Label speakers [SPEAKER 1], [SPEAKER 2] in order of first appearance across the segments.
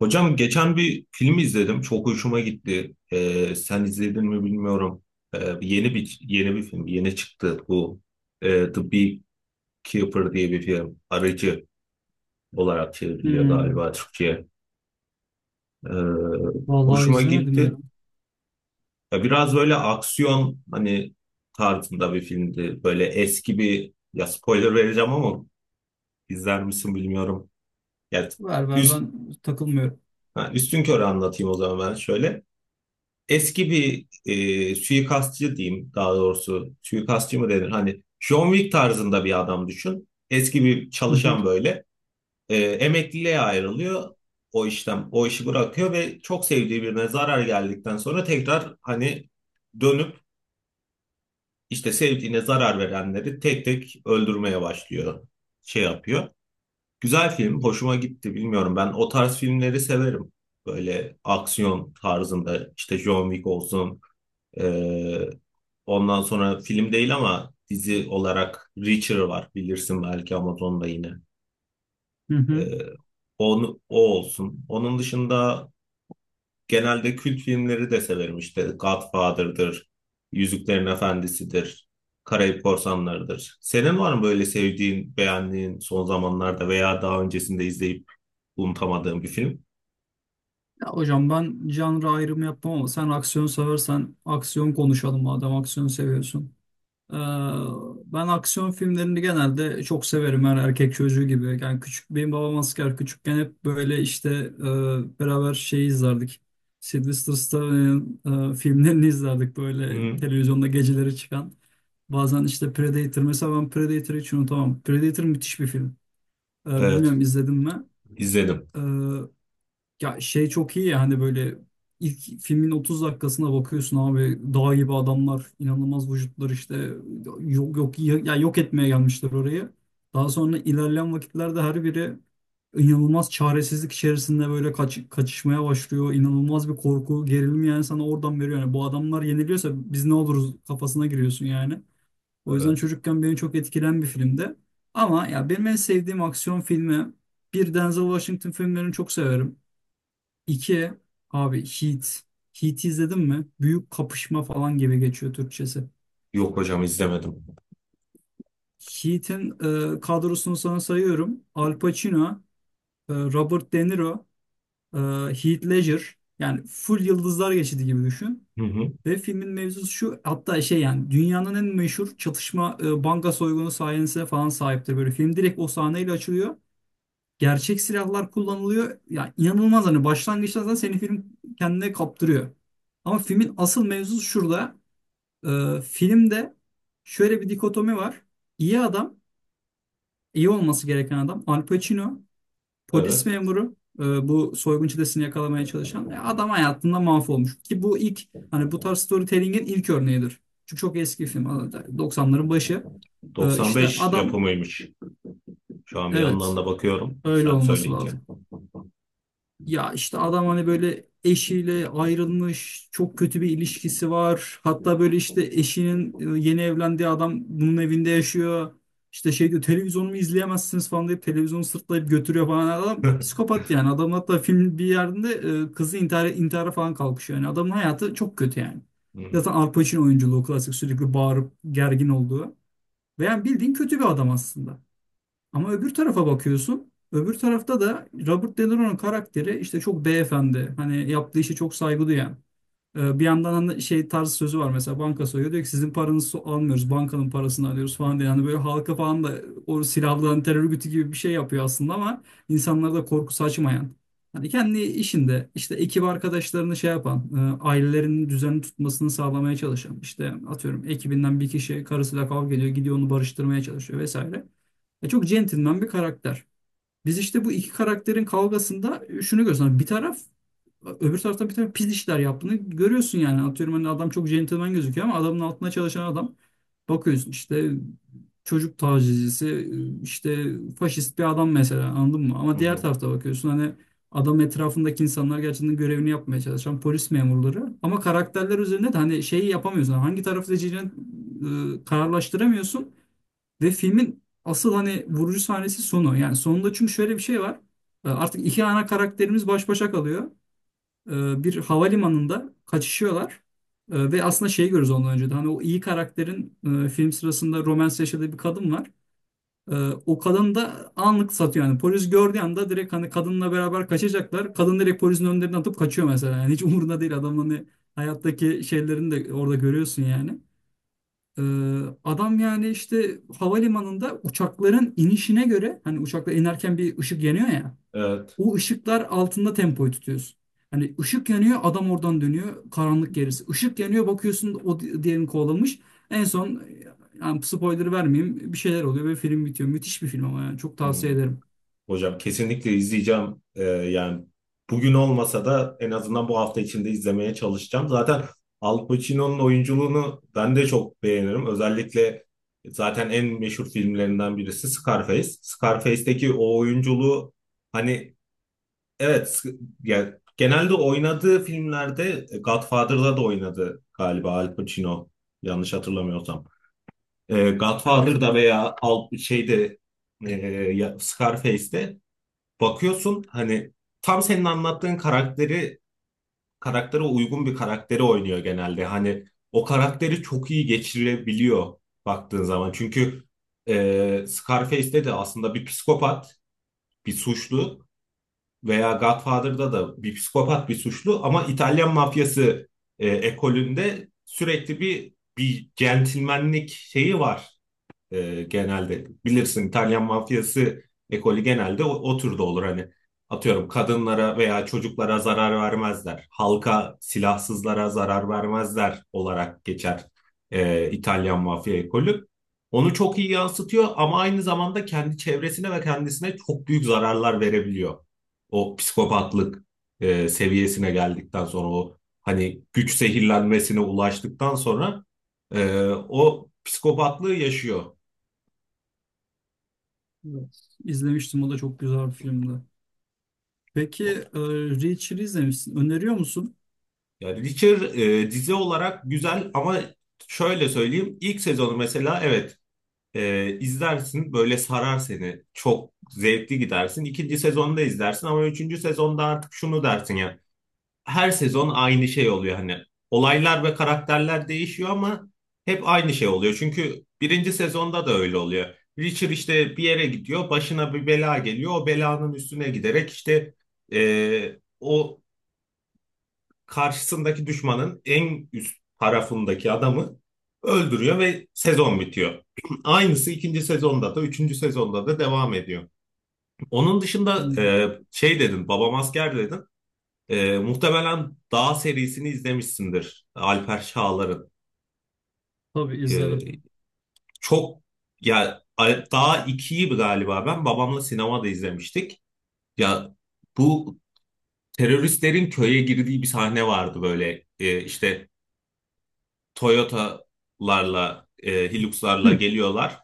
[SPEAKER 1] Hocam geçen bir film izledim. Çok hoşuma gitti. Sen izledin mi bilmiyorum. Yeni bir film. Yeni çıktı bu. The Beekeeper diye bir film. Arıcı olarak çevriliyor
[SPEAKER 2] Hmm,
[SPEAKER 1] galiba Türkçe'ye. Ee,
[SPEAKER 2] vallahi
[SPEAKER 1] hoşuma
[SPEAKER 2] izlemedim ya.
[SPEAKER 1] gitti. Ya biraz böyle aksiyon, hani, tarzında bir filmdi. Böyle eski bir, ya, spoiler vereceğim ama izler misin bilmiyorum. Ya,
[SPEAKER 2] Ver ver
[SPEAKER 1] üst,
[SPEAKER 2] ben takılmıyorum.
[SPEAKER 1] ha, üstünkörü anlatayım o zaman ben şöyle. Eski bir suikastçı diyeyim, daha doğrusu. Suikastçı mı denir? Hani John Wick tarzında bir adam düşün. Eski bir
[SPEAKER 2] Hı hı,
[SPEAKER 1] çalışan böyle. Emekliliğe ayrılıyor o işten. O işi bırakıyor ve çok sevdiği birine zarar geldikten sonra tekrar, hani, dönüp işte sevdiğine zarar verenleri tek tek öldürmeye başlıyor. Şey yapıyor. Güzel film. Hoşuma gitti. Bilmiyorum, ben o tarz filmleri severim. Böyle aksiyon tarzında, işte, John Wick olsun. Ee, ondan sonra film değil ama dizi olarak Reacher var, bilirsin belki, Amazon'da yine.
[SPEAKER 2] hı hı.
[SPEAKER 1] Ee, o olsun. Onun dışında genelde kült filmleri de severim, işte Godfather'dır, Yüzüklerin Efendisi'dir, Karayip Korsanları'dır. Senin var mı böyle sevdiğin, beğendiğin son zamanlarda veya daha öncesinde izleyip unutamadığın bir film?
[SPEAKER 2] Ya hocam ben janra ayrımı yapmam ama sen aksiyon seversen aksiyon konuşalım madem aksiyon seviyorsun. Ee, Ben aksiyon filmlerini genelde çok severim her erkek çocuğu gibi. Yani küçük benim babam asker küçükken hep böyle işte beraber şeyi izlerdik. Sylvester Stallone'nin filmlerini izlerdik böyle
[SPEAKER 1] Hı,
[SPEAKER 2] televizyonda geceleri çıkan. Bazen işte Predator mesela ben Predator'ı hiç unutamam. Predator müthiş bir film.
[SPEAKER 1] evet,
[SPEAKER 2] Bilmiyorum izledim mi?
[SPEAKER 1] izledim.
[SPEAKER 2] Ee, Ya şey çok iyi ya hani böyle ilk filmin 30 dakikasına bakıyorsun abi dağ gibi adamlar inanılmaz vücutlar işte yok yok ya yok etmeye gelmişler orayı. Daha sonra ilerleyen vakitlerde her biri inanılmaz çaresizlik içerisinde böyle kaç, kaçışmaya başlıyor. İnanılmaz bir korku, gerilim yani sana oradan veriyor. Yani bu adamlar yeniliyorsa biz ne oluruz kafasına giriyorsun yani. O yüzden
[SPEAKER 1] Evet.
[SPEAKER 2] çocukken beni çok etkilen bir filmdi. Ama ya benim en sevdiğim aksiyon filmi bir Denzel Washington filmlerini çok severim. İki abi Heat. Heat'i izledin mi? Büyük kapışma falan gibi geçiyor Türkçesi.
[SPEAKER 1] Yok hocam, izlemedim.
[SPEAKER 2] Heat'in kadrosunu sana sayıyorum. Al Pacino, Robert De Niro, e, Heath Ledger. Yani full yıldızlar geçidi gibi düşün.
[SPEAKER 1] Hı hı.
[SPEAKER 2] Ve filmin mevzusu şu hatta şey yani dünyanın en meşhur çatışma banka soygunu sahnesine falan sahiptir. Böyle film direkt o sahneyle açılıyor. Gerçek silahlar kullanılıyor. Ya inanılmaz hani başlangıçta zaten seni film kendine kaptırıyor. Ama filmin asıl mevzusu şurada. Filmde şöyle bir dikotomi var. İyi adam, iyi olması gereken adam Al Pacino, polis
[SPEAKER 1] Evet.
[SPEAKER 2] memuru, bu soygun çetesini yakalamaya çalışan adam hayatında mahvolmuş. Ki bu ilk hani bu tarz storytelling'in ilk örneğidir. Çünkü çok eski film, hani doksanların başı. İşte
[SPEAKER 1] 95
[SPEAKER 2] adam
[SPEAKER 1] yapımıymış. Şu an bir yandan
[SPEAKER 2] evet
[SPEAKER 1] da bakıyorum,
[SPEAKER 2] öyle
[SPEAKER 1] sen
[SPEAKER 2] olması
[SPEAKER 1] söyleyince.
[SPEAKER 2] lazım. Ya işte adam hani böyle eşiyle ayrılmış, çok kötü bir ilişkisi var. Hatta böyle işte eşinin yeni evlendiği adam bunun evinde yaşıyor. İşte şey diyor televizyonumu izleyemezsiniz falan deyip televizyonu sırtlayıp götürüyor falan. Hani adam
[SPEAKER 1] Hı
[SPEAKER 2] psikopat yani. Adam hatta film bir yerinde kızı intihar, intihara falan kalkışıyor. Yani adamın hayatı çok kötü yani.
[SPEAKER 1] hı,
[SPEAKER 2] Zaten Al Pacino oyunculuğu klasik sürekli bağırıp gergin olduğu. Ve yani bildiğin kötü bir adam aslında. Ama öbür tarafa bakıyorsun. Öbür tarafta da Robert De Niro'nun karakteri işte çok beyefendi. Hani yaptığı işe çok saygı duyan. Bir yandan hani şey tarz sözü var mesela banka soyuyor diyor ki sizin paranızı almıyoruz bankanın parasını alıyoruz falan diye. Yani böyle halka falan da o silahlı hani terör örgütü gibi bir şey yapıyor aslında ama insanlara da korku saçmayan. Hani kendi işinde işte ekip arkadaşlarını şey yapan, ailelerinin düzenli tutmasını sağlamaya çalışan işte atıyorum ekibinden bir kişi karısıyla kavga ediyor gidiyor onu barıştırmaya çalışıyor vesaire. Çok centilmen bir karakter. Biz işte bu iki karakterin kavgasında şunu görüyoruz. Hani bir taraf öbür taraftan bir tane pis işler yaptığını görüyorsun yani. Atıyorum hani adam çok centilmen gözüküyor ama adamın altına çalışan adam bakıyorsun işte çocuk tacizcisi işte faşist bir adam mesela anladın mı?
[SPEAKER 1] hı
[SPEAKER 2] Ama diğer
[SPEAKER 1] hı.
[SPEAKER 2] tarafta bakıyorsun hani adam etrafındaki insanlar gerçekten görevini yapmaya çalışan polis memurları ama karakterler üzerinde de hani şeyi yapamıyorsun. Hani hangi tarafı seçeceğini kararlaştıramıyorsun ve filmin asıl hani vurucu sahnesi sonu. Yani sonunda çünkü şöyle bir şey var. Artık iki ana karakterimiz baş başa kalıyor bir havalimanında kaçışıyorlar. Ve aslında şeyi görürüz ondan önce de hani o iyi karakterin film sırasında romans yaşadığı bir kadın var. E, O kadın da anlık satıyor yani polis gördüğü anda direkt hani kadınla beraber kaçacaklar. Kadın direkt polisin önlerine atıp kaçıyor mesela. Yani hiç umurunda değil adamın hani hayattaki şeylerini de orada görüyorsun yani. E, Adam yani işte havalimanında uçakların inişine göre hani uçaklar inerken bir ışık yanıyor ya.
[SPEAKER 1] Evet.
[SPEAKER 2] O ışıklar altında tempoyu tutuyorsun. Hani ışık yanıyor adam oradan dönüyor karanlık gerisi. Işık yanıyor bakıyorsun o diğerini kovalamış. En son yani spoiler vermeyeyim bir şeyler oluyor ve film bitiyor. Müthiş bir film ama yani çok
[SPEAKER 1] Hı.
[SPEAKER 2] tavsiye ederim.
[SPEAKER 1] Hocam kesinlikle izleyeceğim. Yani bugün olmasa da en azından bu hafta içinde izlemeye çalışacağım. Zaten Al Pacino'nun oyunculuğunu ben de çok beğenirim. Özellikle zaten en meşhur filmlerinden birisi Scarface. Scarface'deki o oyunculuğu, hani, evet, yani genelde oynadığı filmlerde, Godfather'da da oynadı galiba Al Pacino, yanlış hatırlamıyorsam.
[SPEAKER 2] Evet.
[SPEAKER 1] Godfather'da veya Al şeyde, e, Scarface'de bakıyorsun, hani, tam senin anlattığın karakteri, karaktere uygun bir karakteri oynuyor genelde. Hani o karakteri çok iyi geçirebiliyor baktığın zaman. Çünkü, Scarface'de de aslında bir psikopat, bir suçlu, veya Godfather'da da bir psikopat bir suçlu ama İtalyan mafyası ekolünde sürekli bir centilmenlik şeyi var, genelde. Bilirsin, İtalyan mafyası ekolü genelde o türde olur hani. Atıyorum kadınlara veya çocuklara zarar vermezler. Halka, silahsızlara zarar vermezler olarak geçer İtalyan mafya ekolü. Onu çok iyi yansıtıyor ama aynı zamanda kendi çevresine ve kendisine çok büyük zararlar verebiliyor. O psikopatlık seviyesine geldikten sonra, o, hani, güç zehirlenmesine ulaştıktan sonra, e, o psikopatlığı yaşıyor.
[SPEAKER 2] Evet. İzlemiştim o da çok güzel bir filmdi. Peki e, Reacher'ı izlemişsin. Öneriyor musun?
[SPEAKER 1] Yani Witcher dizi olarak güzel ama şöyle söyleyeyim, ilk sezonu mesela, evet, izlersin, böyle sarar seni, çok zevkli gidersin. İkinci sezonu da izlersin ama üçüncü sezonda artık şunu dersin: ya, her sezon aynı şey oluyor, hani, olaylar ve karakterler değişiyor ama hep aynı şey oluyor. Çünkü birinci sezonda da öyle oluyor. Witcher işte bir yere gidiyor, başına bir bela geliyor, o belanın üstüne giderek işte o karşısındaki düşmanın en üst tarafındaki adamı öldürüyor ve sezon bitiyor. Aynısı ikinci sezonda da, üçüncü sezonda da devam ediyor. Onun dışında,
[SPEAKER 2] Hmm,
[SPEAKER 1] şey dedin, Babam Asker dedin. Muhtemelen Dağ serisini izlemişsindir, Alper Çağlar'ın.
[SPEAKER 2] tabii izlerim.
[SPEAKER 1] E, çok ya, Dağ 2'yi galiba ben babamla sinemada izlemiştik. Ya bu teröristlerin köye girdiği bir sahne vardı böyle. E, işte Toyota'larla, Hilux'larla
[SPEAKER 2] Hı.
[SPEAKER 1] geliyorlar.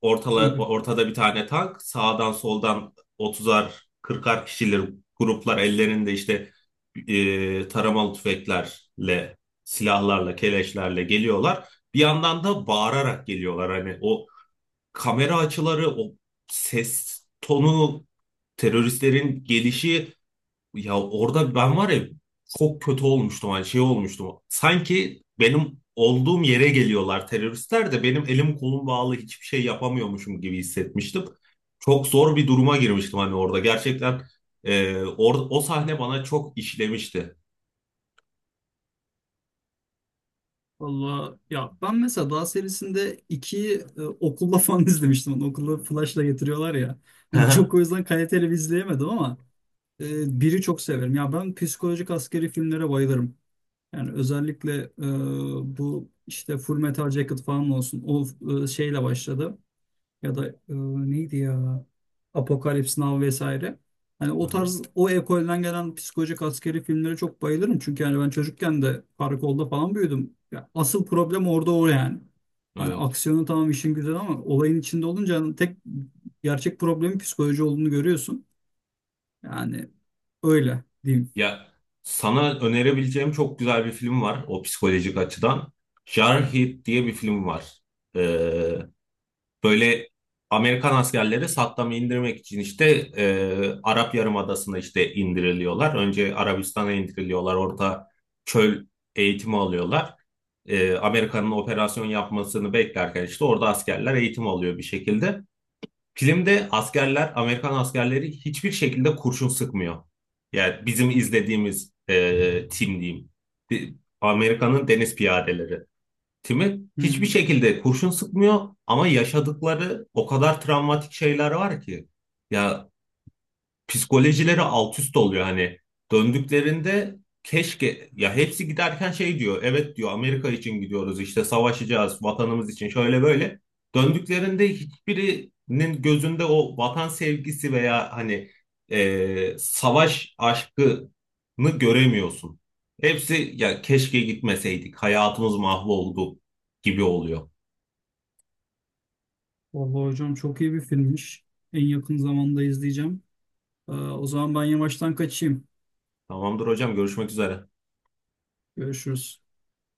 [SPEAKER 1] Ortala,
[SPEAKER 2] Evet.
[SPEAKER 1] ortada bir tane tank. Sağdan soldan 30'ar, 40'ar kişiler, gruplar ellerinde işte taramalı tüfeklerle, silahlarla, keleşlerle geliyorlar. Bir yandan da bağırarak geliyorlar. Hani o kamera açıları, o ses tonu, teröristlerin gelişi, ya orada, ben var ya, çok kötü olmuştum, hani, şey olmuştum. Sanki benim olduğum yere geliyorlar teröristler de benim elim kolum bağlı hiçbir şey yapamıyormuşum gibi hissetmiştim. Çok zor bir duruma girmiştim, hani, orada. Gerçekten o sahne bana çok işlemişti.
[SPEAKER 2] Valla ya ben mesela Dağ serisinde 2'yi okulda falan izlemiştim. Onu okulda flashla getiriyorlar ya. Hani
[SPEAKER 1] Hı.
[SPEAKER 2] çok o yüzden kaliteli bir izleyemedim ama biri çok severim. Ya ben psikolojik askeri filmlere bayılırım. Yani özellikle bu işte Full Metal Jacket falan olsun. O şeyle başladı ya da neydi ya Apokalips Now vesaire. Hani o tarz o ekolden gelen psikolojik askeri filmlere çok bayılırım. Çünkü yani ben çocukken de karakolda falan büyüdüm. Ya asıl problem orada o yani. Hani
[SPEAKER 1] Evet.
[SPEAKER 2] aksiyonu tamam işin güzel ama olayın içinde olunca hani tek gerçek problemin psikoloji olduğunu görüyorsun. Yani öyle diyeyim.
[SPEAKER 1] Ya sana önerebileceğim çok güzel bir film var, o psikolojik açıdan. Jarhead diye bir film var. E, Böyle Amerikan askerleri Saddam'ı indirmek için işte Arap Yarımadası'na işte indiriliyorlar. Önce Arabistan'a indiriliyorlar. Orada çöl eğitimi alıyorlar. Amerika'nın operasyon yapmasını beklerken işte orada askerler eğitim alıyor bir şekilde. Filmde askerler, Amerikan askerleri, hiçbir şekilde kurşun sıkmıyor. Yani bizim izlediğimiz tim diyeyim. Di- Amerika'nın deniz piyadeleri. Tim'e hiçbir
[SPEAKER 2] Hmm.
[SPEAKER 1] şekilde kurşun sıkmıyor ama yaşadıkları o kadar travmatik şeyler var ki. Ya psikolojileri alt üst oluyor, hani, döndüklerinde keşke, ya, hepsi giderken şey diyor, evet diyor, Amerika için gidiyoruz, işte, savaşacağız vatanımız için, şöyle böyle. Döndüklerinde hiçbirinin gözünde o vatan sevgisi veya, hani, savaş aşkını göremiyorsun. Hepsi, ya keşke gitmeseydik, hayatımız mahvoldu, gibi oluyor.
[SPEAKER 2] Vallahi hocam çok iyi bir filmmiş. En yakın zamanda izleyeceğim. O zaman ben yavaştan kaçayım.
[SPEAKER 1] Tamamdır hocam, görüşmek üzere.
[SPEAKER 2] Görüşürüz.